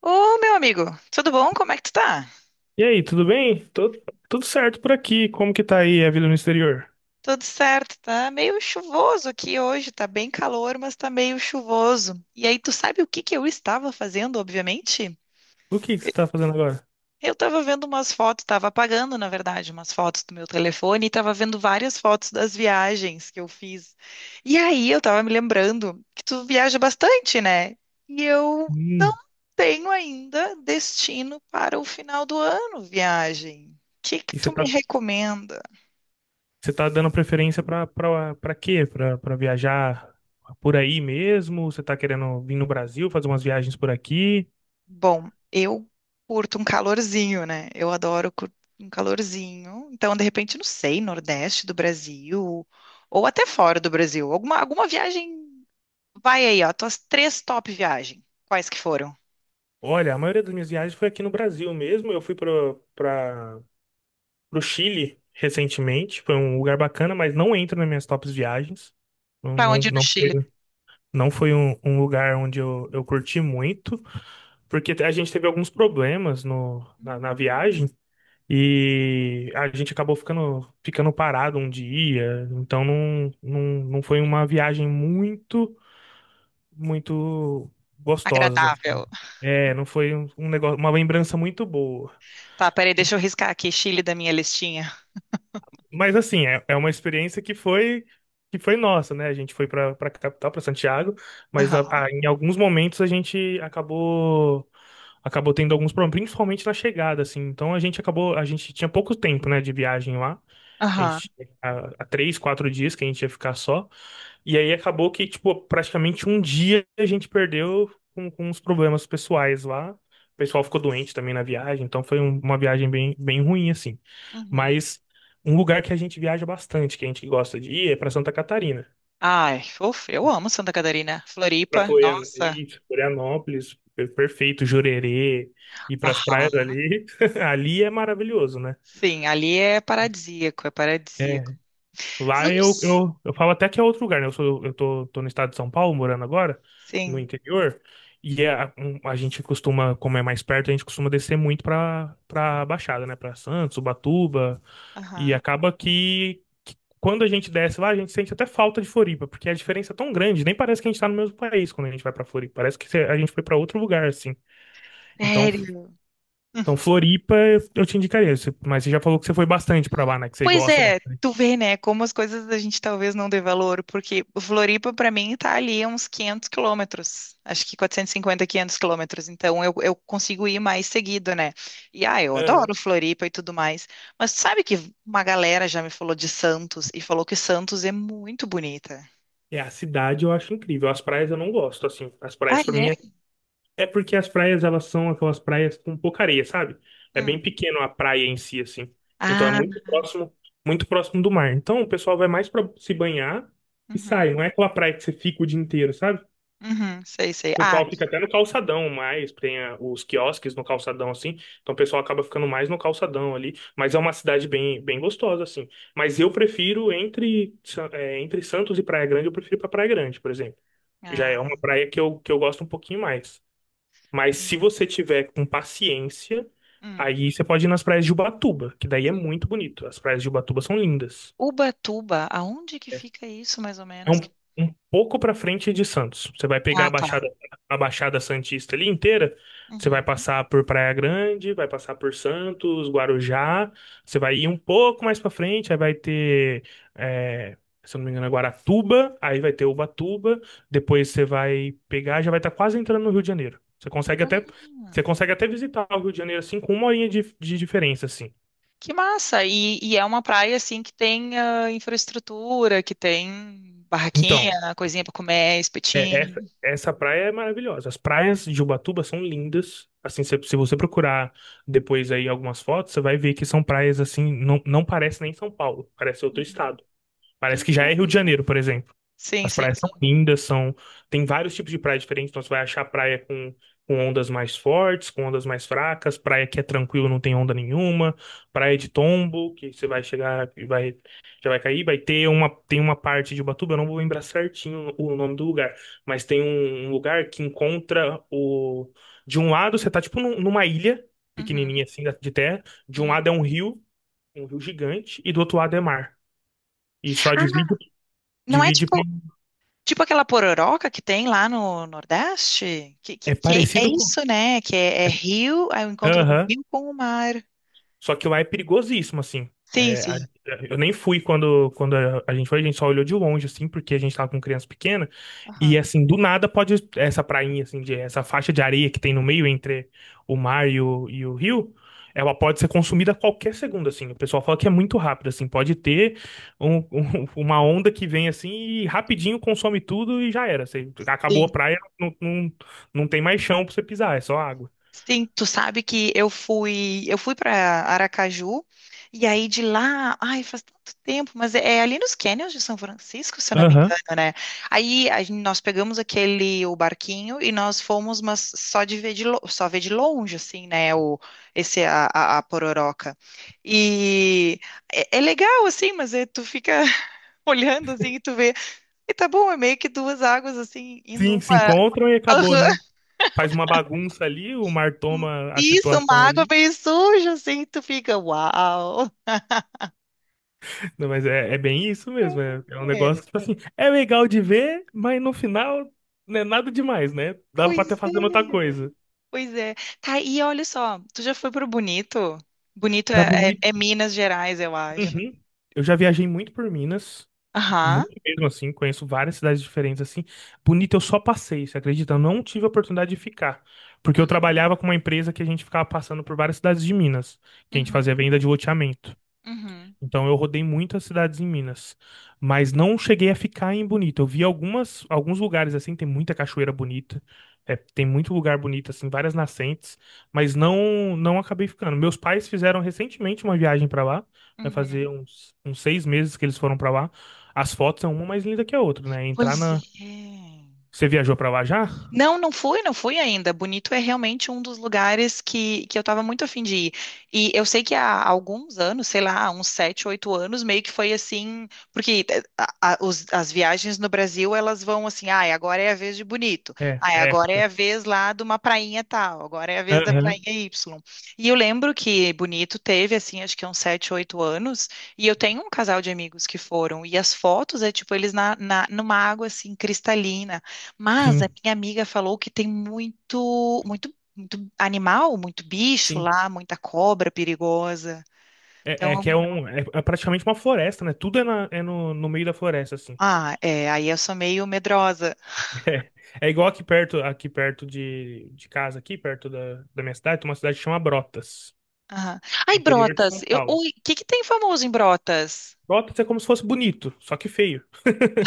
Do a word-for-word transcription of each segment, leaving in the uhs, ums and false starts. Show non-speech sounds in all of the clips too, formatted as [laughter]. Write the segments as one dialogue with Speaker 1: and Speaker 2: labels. Speaker 1: Ô, meu amigo, tudo bom? Como é que tu tá?
Speaker 2: E aí, tudo bem? Tô- tudo certo por aqui. Como que tá aí a vida no exterior?
Speaker 1: Tudo certo, tá meio chuvoso aqui hoje, tá bem calor, mas tá meio chuvoso. E aí, tu sabe o que que eu estava fazendo, obviamente?
Speaker 2: O que que você tá fazendo agora?
Speaker 1: Eu estava vendo umas fotos, estava apagando, na verdade, umas fotos do meu telefone e estava vendo várias fotos das viagens que eu fiz. E aí, eu estava me lembrando que tu viaja bastante, né? E eu não
Speaker 2: Hum,
Speaker 1: tenho ainda destino para o final do ano, viagem. O que que
Speaker 2: E você
Speaker 1: tu me
Speaker 2: tá,
Speaker 1: recomenda?
Speaker 2: você tá dando preferência pra, pra, pra quê? Pra, pra viajar por aí mesmo? Você tá querendo vir no Brasil, fazer umas viagens por aqui?
Speaker 1: Bom, eu curto um calorzinho, né? Eu adoro cur- um calorzinho. Então, de repente, não sei, Nordeste do Brasil, ou até fora do Brasil. Alguma, alguma viagem. Vai aí, ó, tuas três top viagens. Quais que foram?
Speaker 2: Olha, a maioria das minhas viagens foi aqui no Brasil mesmo. Eu fui para Pro Chile recentemente. Foi um lugar bacana, mas não entra nas minhas tops viagens. Não,
Speaker 1: Pra
Speaker 2: não,
Speaker 1: onde no
Speaker 2: não foi,
Speaker 1: Chile?
Speaker 2: não foi um, um lugar onde eu, eu curti muito, porque a gente teve alguns problemas no, na, na
Speaker 1: Hum.
Speaker 2: viagem, e a gente acabou ficando, ficando parado um dia. Então não, não, não foi uma viagem muito, muito gostosa assim.
Speaker 1: Agradável.
Speaker 2: É, não foi um um negócio, uma lembrança muito boa.
Speaker 1: Tá, peraí, deixa eu riscar aqui Chile da minha listinha.
Speaker 2: Mas assim, é, é uma experiência que foi que foi nossa, né? A gente foi para para capital, para Santiago, mas na-
Speaker 1: Aham,
Speaker 2: ah, em alguns momentos a gente acabou acabou tendo alguns problemas, principalmente na chegada, assim. Então a gente acabou, a gente tinha pouco tempo, né, de viagem lá. A
Speaker 1: aham.
Speaker 2: gente, há há três, quatro dias que a gente ia ficar só. E aí acabou que, tipo, praticamente um dia a gente perdeu com, com uns problemas pessoais lá. O pessoal ficou doente também na viagem, então foi um- uma viagem bem, bem ruim, assim.
Speaker 1: Uhum.
Speaker 2: Mas um lugar que a gente viaja bastante, que a gente gosta de ir, é para Santa Catarina.
Speaker 1: Ai, ufa, eu amo Santa Catarina.
Speaker 2: Para
Speaker 1: Floripa, nossa.
Speaker 2: Florianópolis, per- perfeito, Jurerê, ir para as
Speaker 1: Aham.
Speaker 2: praias ali. [laughs] Ali é maravilhoso, né?
Speaker 1: Sim, ali é paradisíaco, é paradisíaco.
Speaker 2: Lá
Speaker 1: Vocês não
Speaker 2: eu,
Speaker 1: s-
Speaker 2: eu, eu falo até que é outro lugar, né? Eu sou, eu tô, Tô no estado de São Paulo, morando agora, no
Speaker 1: Sim.
Speaker 2: interior, e é a, um- a gente costuma, como é mais perto, a gente costuma descer muito pra, pra Baixada, né? Pra Santos, Ubatuba, e
Speaker 1: Aham.
Speaker 2: acaba que, que quando a gente desce lá, a gente sente até falta de Floripa, porque a diferença é tão grande, nem parece que a gente tá no mesmo país quando a gente vai pra Floripa, parece que cê- a gente foi pra outro lugar, assim. Então,
Speaker 1: Sério? Hum.
Speaker 2: então Floripa eu te indicaria, cê- mas você já falou que você foi bastante pra lá, né? Que você
Speaker 1: Pois
Speaker 2: gosta
Speaker 1: é,
Speaker 2: bastante.
Speaker 1: tu vê, né, como as coisas a gente talvez não dê valor, porque Floripa, pra mim, tá ali a uns quinhentos quilômetros, acho que quatrocentos e cinquenta, quinhentos quilômetros, então eu, eu consigo ir mais seguido, né? E, ah, eu adoro Floripa e tudo mais, mas sabe que uma galera já me falou de Santos e falou que Santos é muito bonita.
Speaker 2: É, a cidade eu acho incrível. As praias eu não gosto, assim. As
Speaker 1: Ah,
Speaker 2: praias pra
Speaker 1: é?
Speaker 2: mim é, é porque as praias elas são aquelas praias com pouca areia, sabe? É
Speaker 1: Hum.
Speaker 2: bem pequeno a praia em si, assim. Então é
Speaker 1: Ah.
Speaker 2: muito próximo, muito próximo do mar. Então o pessoal vai mais pra se banhar e sai.
Speaker 1: Uhum,
Speaker 2: Não é aquela praia que você fica o dia inteiro, sabe?
Speaker 1: uhum, sei, sei.
Speaker 2: O
Speaker 1: Ah,
Speaker 2: pessoal fica até no calçadão mais, tem a- os quiosques no calçadão, assim. Então o pessoal acaba ficando mais no calçadão ali. Mas é uma cidade bem, bem gostosa, assim. Mas eu prefiro entre, Sa- é, entre Santos e Praia Grande, eu prefiro pra Praia Grande, por exemplo. Já
Speaker 1: ah,
Speaker 2: é uma praia que eu, que eu gosto um pouquinho mais. Mas se
Speaker 1: hum,
Speaker 2: você tiver com paciência,
Speaker 1: hum.
Speaker 2: aí você pode ir nas praias de Ubatuba, que daí é muito bonito. As praias de Ubatuba são lindas.
Speaker 1: Ubatuba, aonde que fica isso, mais ou
Speaker 2: É
Speaker 1: menos? Que...
Speaker 2: um, um pouco para frente de Santos. Você vai pegar
Speaker 1: Ah,
Speaker 2: a
Speaker 1: tá.
Speaker 2: Baixada, a Baixada Santista ali inteira. Você vai
Speaker 1: Uhum.
Speaker 2: passar por Praia Grande, vai passar por Santos, Guarujá. Você vai ir um pouco mais para frente, aí vai ter, é, se eu não me engano, é Guaratuba. Aí vai ter Ubatuba. Depois você vai pegar, já vai estar quase entrando no Rio de Janeiro. Você consegue
Speaker 1: Ah,
Speaker 2: até, você consegue até visitar o Rio de Janeiro assim com uma horinha de, de diferença assim.
Speaker 1: que massa! E, e é uma praia assim que tem ah, infraestrutura, que tem
Speaker 2: Então,
Speaker 1: barraquinha, coisinha pra comer,
Speaker 2: é,
Speaker 1: espetinho.
Speaker 2: essa, essa praia é maravilhosa. As praias de Ubatuba são lindas. Assim, se, se você procurar depois aí algumas fotos, você vai ver que são praias assim, não, não parece nem São Paulo, parece outro
Speaker 1: Uhum.
Speaker 2: estado.
Speaker 1: Que
Speaker 2: Parece que já é
Speaker 1: loucura!
Speaker 2: Rio de Janeiro, por exemplo.
Speaker 1: Sim,
Speaker 2: As
Speaker 1: sim,
Speaker 2: praias são
Speaker 1: sim.
Speaker 2: lindas, são tem vários tipos de praia diferentes, então você vai achar praia com, com ondas mais fortes, com ondas mais fracas, praia que é tranquilo, não tem onda nenhuma, praia de tombo, que você vai chegar e vai, já vai cair, vai ter uma, tem uma parte de Ubatuba, eu não vou lembrar certinho o nome do lugar, mas tem um, um lugar que encontra o de um lado você tá tipo num- numa ilha
Speaker 1: Uhum,
Speaker 2: pequenininha assim da- de terra, de um
Speaker 1: uhum.
Speaker 2: lado é um rio, um rio gigante, e do outro lado é mar. E só
Speaker 1: Ah,
Speaker 2: divide,
Speaker 1: não é
Speaker 2: divide,
Speaker 1: tipo,
Speaker 2: pelo-
Speaker 1: tipo aquela pororoca que tem lá no Nordeste? Que, que,
Speaker 2: é
Speaker 1: que é, é
Speaker 2: parecido com
Speaker 1: isso, né? Que é, é rio, é o encontro do
Speaker 2: aham.
Speaker 1: rio com o mar.
Speaker 2: Só que lá é perigosíssimo, assim.
Speaker 1: Sim,
Speaker 2: É, a-
Speaker 1: sim.
Speaker 2: eu nem fui quando, quando a, a gente foi, a gente só olhou de longe, assim, porque a gente tava com criança pequena. E,
Speaker 1: Aham.
Speaker 2: assim, do nada pode essa prainha, assim, de, essa faixa de areia que tem no meio entre o mar e o, e o rio, ela pode ser consumida a qualquer segundo, assim. O pessoal fala que é muito rápido, assim. Pode ter um- [laughs] um- uma onda que vem, assim, e rapidinho consome tudo e já era. Você, acabou a praia, não, não, não tem mais chão pra você pisar, é só água.
Speaker 1: Sim, tu sabe que eu fui, eu fui para Aracaju e aí de lá, ai, faz tanto tempo, mas é, é ali nos Canyons de São Francisco, se eu não me
Speaker 2: Aham.
Speaker 1: engano, né? Aí a gen- nós pegamos aquele o barquinho e nós fomos, mas só de ver de lo- só ver de longe, assim, né? O esse a, a, a Pororoca. E é, é legal assim, mas é, tu fica [laughs] olhando assim e tu vê, e tá bom, é meio que duas águas assim
Speaker 2: Sim,
Speaker 1: indo
Speaker 2: se
Speaker 1: uma.
Speaker 2: encontram e acabou, né? Faz uma bagunça ali, o mar toma a
Speaker 1: Isso, uma
Speaker 2: situação
Speaker 1: água
Speaker 2: ali.
Speaker 1: meio suja, assim, tu fica, uau.
Speaker 2: Não, mas é, é bem isso mesmo. É, é um
Speaker 1: É,
Speaker 2: negócio que, tipo assim, é legal de ver, mas no final não é nada demais, né? Dava pra ter
Speaker 1: pois é,
Speaker 2: fazendo outra coisa.
Speaker 1: pois é. Tá, e olha só, tu já foi pro Bonito? Bonito
Speaker 2: Pra
Speaker 1: é, é- é
Speaker 2: bonito.
Speaker 1: Minas Gerais, eu acho.
Speaker 2: Uhum. Eu já viajei muito por Minas,
Speaker 1: Aham.
Speaker 2: muito mesmo assim, conheço várias cidades diferentes assim. Bonito, eu só passei, você acredita? Eu não tive a oportunidade de ficar. Porque eu trabalhava com uma empresa que a gente ficava passando por várias cidades de Minas, que a gente fazia
Speaker 1: Uhum,
Speaker 2: venda de loteamento.
Speaker 1: uhum,
Speaker 2: Então eu rodei muitas cidades em Minas, mas não cheguei a ficar em Bonito. Eu vi algumas, alguns lugares assim, tem muita cachoeira bonita, é, tem muito lugar bonito assim, várias nascentes, mas não não acabei ficando. Meus pais fizeram recentemente uma viagem para lá, vai
Speaker 1: uhum.
Speaker 2: fazer uns, uns seis meses que eles foram para lá. As fotos são uma mais linda que a outra, né? Entrar
Speaker 1: Pois
Speaker 2: na.
Speaker 1: é.
Speaker 2: Você viajou para lá já?
Speaker 1: Não, não fui, não fui ainda. Bonito é realmente um dos lugares que, que eu estava muito afim de ir. E eu sei que há alguns anos, sei lá, uns sete, oito anos, meio que foi assim, porque eh, a- a- os- as viagens no Brasil, elas vão assim, ah, agora é a vez de Bonito,
Speaker 2: É,
Speaker 1: ah,
Speaker 2: é.
Speaker 1: agora é a vez lá de uma prainha tal, agora é a vez da prainha
Speaker 2: Aham,
Speaker 1: Y. E eu lembro que Bonito teve, assim, acho que uns sete, oito anos, e eu tenho um casal de amigos que foram, e as fotos é tipo eles na, na, numa água, assim, cristalina, mas a
Speaker 2: sim,
Speaker 1: minha amiga falou que tem muito, muito, muito animal, muito bicho
Speaker 2: sim.
Speaker 1: lá, muita cobra perigosa.
Speaker 2: É, é
Speaker 1: Então,
Speaker 2: que é um, é, é praticamente uma floresta, né? Tudo é, na- é no, no meio da floresta, assim.
Speaker 1: ah, é, aí eu sou meio medrosa.
Speaker 2: É, é igual aqui perto, aqui perto de, de casa, aqui perto da, da minha cidade, tem uma cidade que chama Brotas,
Speaker 1: Aham. Ai,
Speaker 2: é interior de
Speaker 1: Brotas,
Speaker 2: São
Speaker 1: eu-
Speaker 2: Paulo.
Speaker 1: oi, o que que tem famoso em Brotas?
Speaker 2: Brotas é como se fosse bonito, só que feio.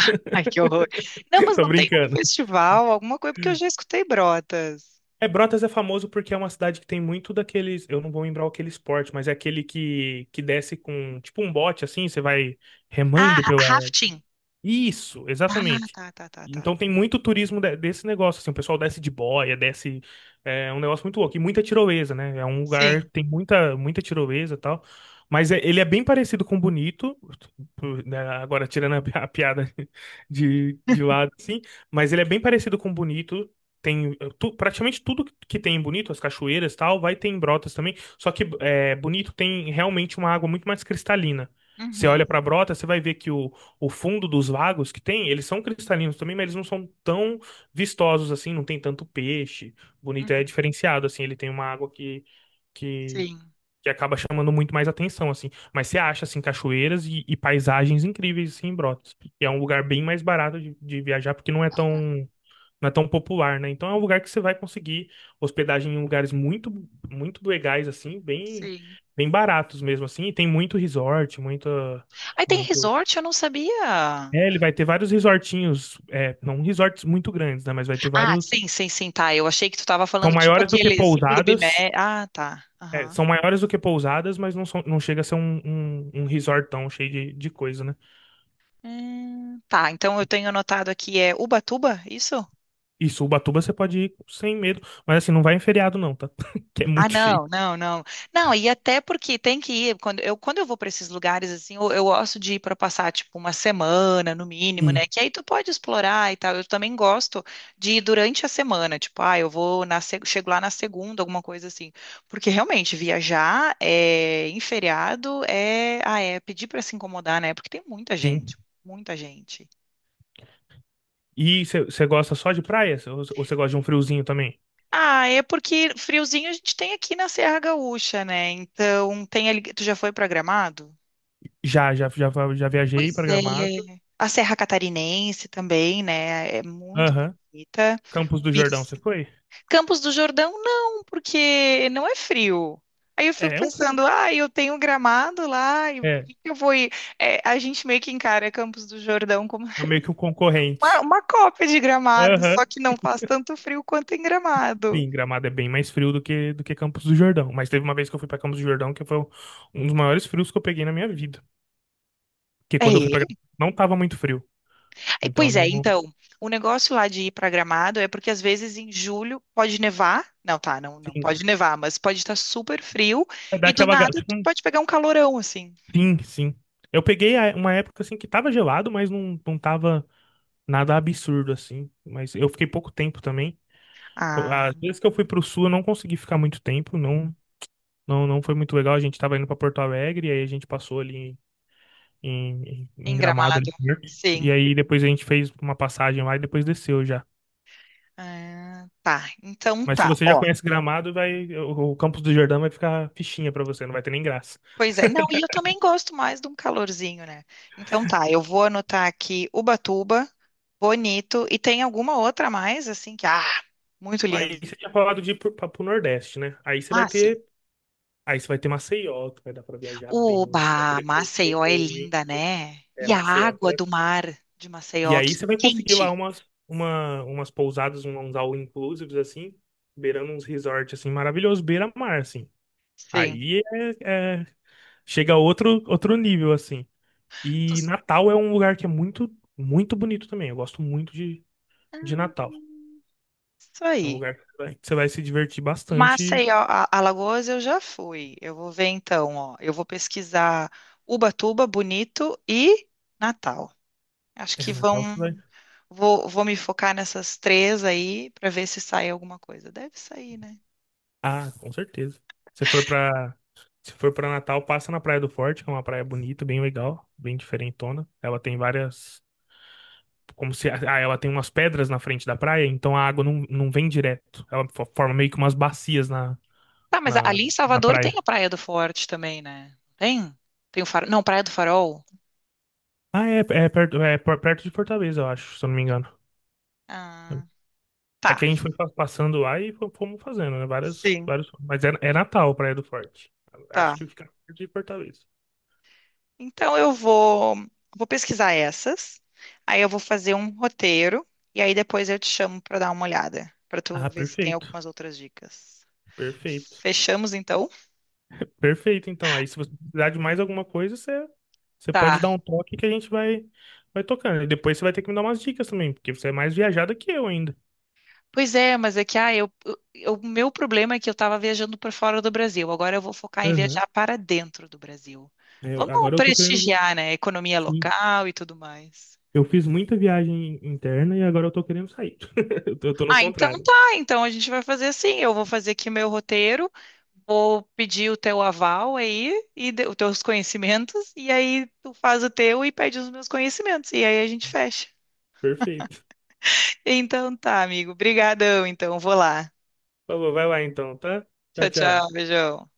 Speaker 1: [laughs] Ai, que horror. Não, mas
Speaker 2: Tô
Speaker 1: não tem um
Speaker 2: brincando.
Speaker 1: festival, alguma coisa, porque eu já escutei Brotas.
Speaker 2: É, Brotas é famoso porque é uma cidade que tem muito daqueles, eu não vou lembrar aquele esporte, mas é aquele que, que desce com, tipo um bote assim, você vai remando
Speaker 1: Ah,
Speaker 2: pela,
Speaker 1: rafting.
Speaker 2: isso,
Speaker 1: Ah,
Speaker 2: exatamente.
Speaker 1: tá, tá, tá, tá.
Speaker 2: Então tem muito turismo de- desse negócio, assim, o pessoal desce de boia, desce, é um negócio muito louco, e muita tirolesa, né? É um lugar,
Speaker 1: Sim.
Speaker 2: tem muita, muita tirolesa e tal, mas é- ele é bem parecido com Bonito, por- né, agora tirando a, pi- a piada [laughs] de, de lado, assim, mas ele é bem parecido com Bonito, tem eh, tu- praticamente tudo que tem em Bonito, as cachoeiras e tal, vai ter em Brotas também, só que é Bonito tem realmente uma água muito mais cristalina. Você olha
Speaker 1: Uhum,
Speaker 2: pra Brotas, você vai ver que o fundo dos lagos que tem, eles são cristalinos também, mas eles não são tão vistosos assim, não tem tanto peixe. Bonito é
Speaker 1: uhum.
Speaker 2: diferenciado assim, ele tem uma água que que,
Speaker 1: Sim,
Speaker 2: que acaba chamando muito mais atenção assim. Mas você acha assim cachoeiras e, e paisagens incríveis assim em Brotas. E é um lugar bem mais barato de, de viajar porque não é tão não é tão popular, né? Então é um lugar que você vai conseguir hospedagem em lugares muito muito legais assim, bem
Speaker 1: sim.
Speaker 2: bem baratos mesmo assim, e tem muito resort, muita
Speaker 1: Aí tem
Speaker 2: muito
Speaker 1: resort, eu não sabia.
Speaker 2: é, ele vai ter vários resortinhos, é, não resorts muito grandes, né? Mas vai ter
Speaker 1: Ah,
Speaker 2: vários.
Speaker 1: sim, sim, sim, tá. Eu achei que tu tava
Speaker 2: São
Speaker 1: falando tipo
Speaker 2: maiores do que
Speaker 1: aqueles Clube
Speaker 2: pousadas.
Speaker 1: Med. Ah, tá.
Speaker 2: É,
Speaker 1: Aham.
Speaker 2: são maiores do que pousadas, mas não, são, não chega a ser um, um, um resortão cheio de, de coisa, né?
Speaker 1: Hum, tá, então eu tenho anotado aqui é Ubatuba, isso?
Speaker 2: E Ubatuba você pode ir sem medo. Mas assim, não vai em feriado, não, tá? [laughs] Que é
Speaker 1: Ah,
Speaker 2: muito cheio.
Speaker 1: não, não, não. Não, e até porque tem que ir, quando eu, quando eu vou para esses lugares, assim, eu, eu gosto de ir para passar, tipo, uma semana, no mínimo, né?
Speaker 2: Sim.
Speaker 1: Que aí tu pode explorar e tal. Eu também gosto de ir durante a semana, tipo, ah, eu vou na, se- chego lá na segunda, alguma coisa assim. Porque realmente, viajar é, em feriado é, ah, é pedir para se incomodar, né? Porque tem muita
Speaker 2: Sim.
Speaker 1: gente, muita gente.
Speaker 2: E você gosta só de praia? Ou você gosta de um friozinho também?
Speaker 1: Ah, é porque friozinho a gente tem aqui na Serra Gaúcha, né? Então, tem ali, tu já foi programado?
Speaker 2: Já, já, já, já viajei
Speaker 1: Pois
Speaker 2: pra Gramado.
Speaker 1: é, a Serra Catarinense também, né? É muito
Speaker 2: Aham.
Speaker 1: bonita.
Speaker 2: Campos do Jordão, você
Speaker 1: Ibirici.
Speaker 2: foi?
Speaker 1: Campos do Jordão, não, porque não é frio. Aí eu fico
Speaker 2: É, é um frio.
Speaker 1: pensando, ah, eu tenho Gramado lá, e por
Speaker 2: É,
Speaker 1: que que eu vou ir? É, a gente meio que encara Campos do Jordão como
Speaker 2: é
Speaker 1: [laughs]
Speaker 2: meio que um
Speaker 1: uma,
Speaker 2: concorrente.
Speaker 1: uma cópia de Gramado, só
Speaker 2: Aham.
Speaker 1: que não faz tanto frio quanto em Gramado.
Speaker 2: Sim, Gramado é bem mais frio do que, do que Campos do Jordão. Mas teve uma vez que eu fui pra Campos do Jordão que foi um dos maiores frios que eu peguei na minha vida. Porque quando eu fui pra
Speaker 1: É,
Speaker 2: Gramado, não tava muito frio.
Speaker 1: e,
Speaker 2: Então,
Speaker 1: pois
Speaker 2: não,
Speaker 1: é,
Speaker 2: não-
Speaker 1: então, o negócio lá de ir para Gramado é porque às vezes em julho pode nevar. Não, tá, não, não
Speaker 2: sim.
Speaker 1: pode nevar, mas pode estar super frio
Speaker 2: É
Speaker 1: e do
Speaker 2: daquela.
Speaker 1: nada
Speaker 2: ga- Tipo,
Speaker 1: tu
Speaker 2: um-
Speaker 1: pode pegar um calorão assim.
Speaker 2: sim, sim. Eu peguei a- uma época assim que tava gelado, mas não, não tava nada absurdo assim. Mas eu fiquei pouco tempo também. Co- Às
Speaker 1: Ah,
Speaker 2: vezes que eu fui pro sul, eu não consegui ficar muito tempo. Não, não, não foi muito legal. A gente tava indo pra Porto Alegre, aí a gente passou ali em, em
Speaker 1: em
Speaker 2: Gramado ali
Speaker 1: Gramado.
Speaker 2: perto.
Speaker 1: Sim.
Speaker 2: E aí depois a gente fez uma passagem lá e depois desceu já.
Speaker 1: Ah, tá. Então
Speaker 2: Mas se
Speaker 1: tá,
Speaker 2: você já
Speaker 1: ó.
Speaker 2: conhece Gramado, vai o, o Campos do Jordão vai ficar fichinha pra você, não vai ter nem graça.
Speaker 1: Pois é. Não, e eu também gosto mais de um calorzinho, né? Então tá, eu vou anotar aqui Ubatuba, Bonito e tem alguma outra mais assim que ah, muito
Speaker 2: Aí
Speaker 1: lindo.
Speaker 2: você tinha falado de ir pro, pra- pro Nordeste, né? Aí você
Speaker 1: Ah,
Speaker 2: vai
Speaker 1: sim.
Speaker 2: ter, aí você vai ter Maceió, que vai dar pra viajar
Speaker 1: O
Speaker 2: bem, vai
Speaker 1: bah,
Speaker 2: poder curtir
Speaker 1: Maceió é linda,
Speaker 2: muito.
Speaker 1: né?
Speaker 2: É,
Speaker 1: E a
Speaker 2: Maceió, você
Speaker 1: água
Speaker 2: vai
Speaker 1: do mar de
Speaker 2: e
Speaker 1: Maceió,
Speaker 2: aí
Speaker 1: que
Speaker 2: você vai conseguir lá
Speaker 1: quente.
Speaker 2: umas, uma, umas pousadas, uns all inclusives, assim, beirando uns resorts, assim, maravilhosos, beira-mar, assim.
Speaker 1: Sim.
Speaker 2: Aí é, é chega a outro, outro nível, assim. E
Speaker 1: Tu-.
Speaker 2: Natal é um lugar que é muito, muito bonito também. Eu gosto muito de, de Natal.
Speaker 1: Isso
Speaker 2: É um
Speaker 1: aí.
Speaker 2: lugar que você vai, que você vai se divertir bastante.
Speaker 1: Maceió, a- Alagoas eu já fui. Eu vou ver então, ó. Eu vou pesquisar Ubatuba, Bonito e Natal. Acho
Speaker 2: É,
Speaker 1: que
Speaker 2: Natal você vai.
Speaker 1: vão. Vou, vou me focar nessas três aí para ver se sai alguma coisa. Deve sair, né?
Speaker 2: Ah, com certeza. Se for pra, se for pra Natal, passa na Praia do Forte, que é uma praia bonita, bem legal, bem diferentona. Ela tem várias. Como se. Ah, ela tem umas pedras na frente da praia, então a água não, não vem direto. Ela fo- forma meio que umas bacias na,
Speaker 1: Tá, mas
Speaker 2: na,
Speaker 1: ali em
Speaker 2: na
Speaker 1: Salvador tem
Speaker 2: praia.
Speaker 1: a Praia do Forte também, né? Tem? Tem o Farol? Não, Praia do Farol.
Speaker 2: Ah, é, é perto, é per- perto de Fortaleza, eu acho, se eu não me engano.
Speaker 1: Ah,
Speaker 2: É
Speaker 1: tá.
Speaker 2: que a gente foi fa- passando lá e fo- fomos fazendo, né? Várias,
Speaker 1: Sim,
Speaker 2: vários, mas é, é Natal, Praia do Forte. Acho
Speaker 1: tá.
Speaker 2: que fica perto de Fortaleza.
Speaker 1: Então eu vou, vou pesquisar essas, aí eu vou fazer um roteiro e aí depois eu te chamo para dar uma olhada, para tu
Speaker 2: Ah,
Speaker 1: ver se tem
Speaker 2: perfeito.
Speaker 1: algumas outras dicas.
Speaker 2: Perfeito.
Speaker 1: Fechamos então?
Speaker 2: Perfeito, então. Aí se você precisar de mais alguma coisa, você, você pode
Speaker 1: Tá.
Speaker 2: dar um toque que a gente vai, vai tocando. E depois você vai ter que me dar umas dicas também, porque você é mais viajada que eu ainda.
Speaker 1: Pois é, mas é que ah, eu, eu- o meu problema é que eu estava viajando para fora do Brasil. Agora eu vou focar em
Speaker 2: Aham.
Speaker 1: viajar para dentro do Brasil.
Speaker 2: Eu-
Speaker 1: Vamos
Speaker 2: agora eu tô querendo.
Speaker 1: prestigiar, né, a economia
Speaker 2: Sim.
Speaker 1: local e tudo mais.
Speaker 2: Eu fiz muita viagem interna e agora eu tô querendo sair. [laughs] Eu tô, eu tô no
Speaker 1: Ah, então
Speaker 2: contrário.
Speaker 1: tá. Então a gente vai fazer assim. Eu vou fazer aqui meu roteiro, vou pedir o teu aval aí e de- os teus conhecimentos, e aí tu faz o teu e pede os meus conhecimentos, e aí a gente fecha.
Speaker 2: Perfeito.
Speaker 1: Então tá, amigo. Obrigadão, então. Vou lá.
Speaker 2: Por vai lá então, tá? Tchau,
Speaker 1: Tchau,
Speaker 2: tchau.
Speaker 1: tchau. Beijão.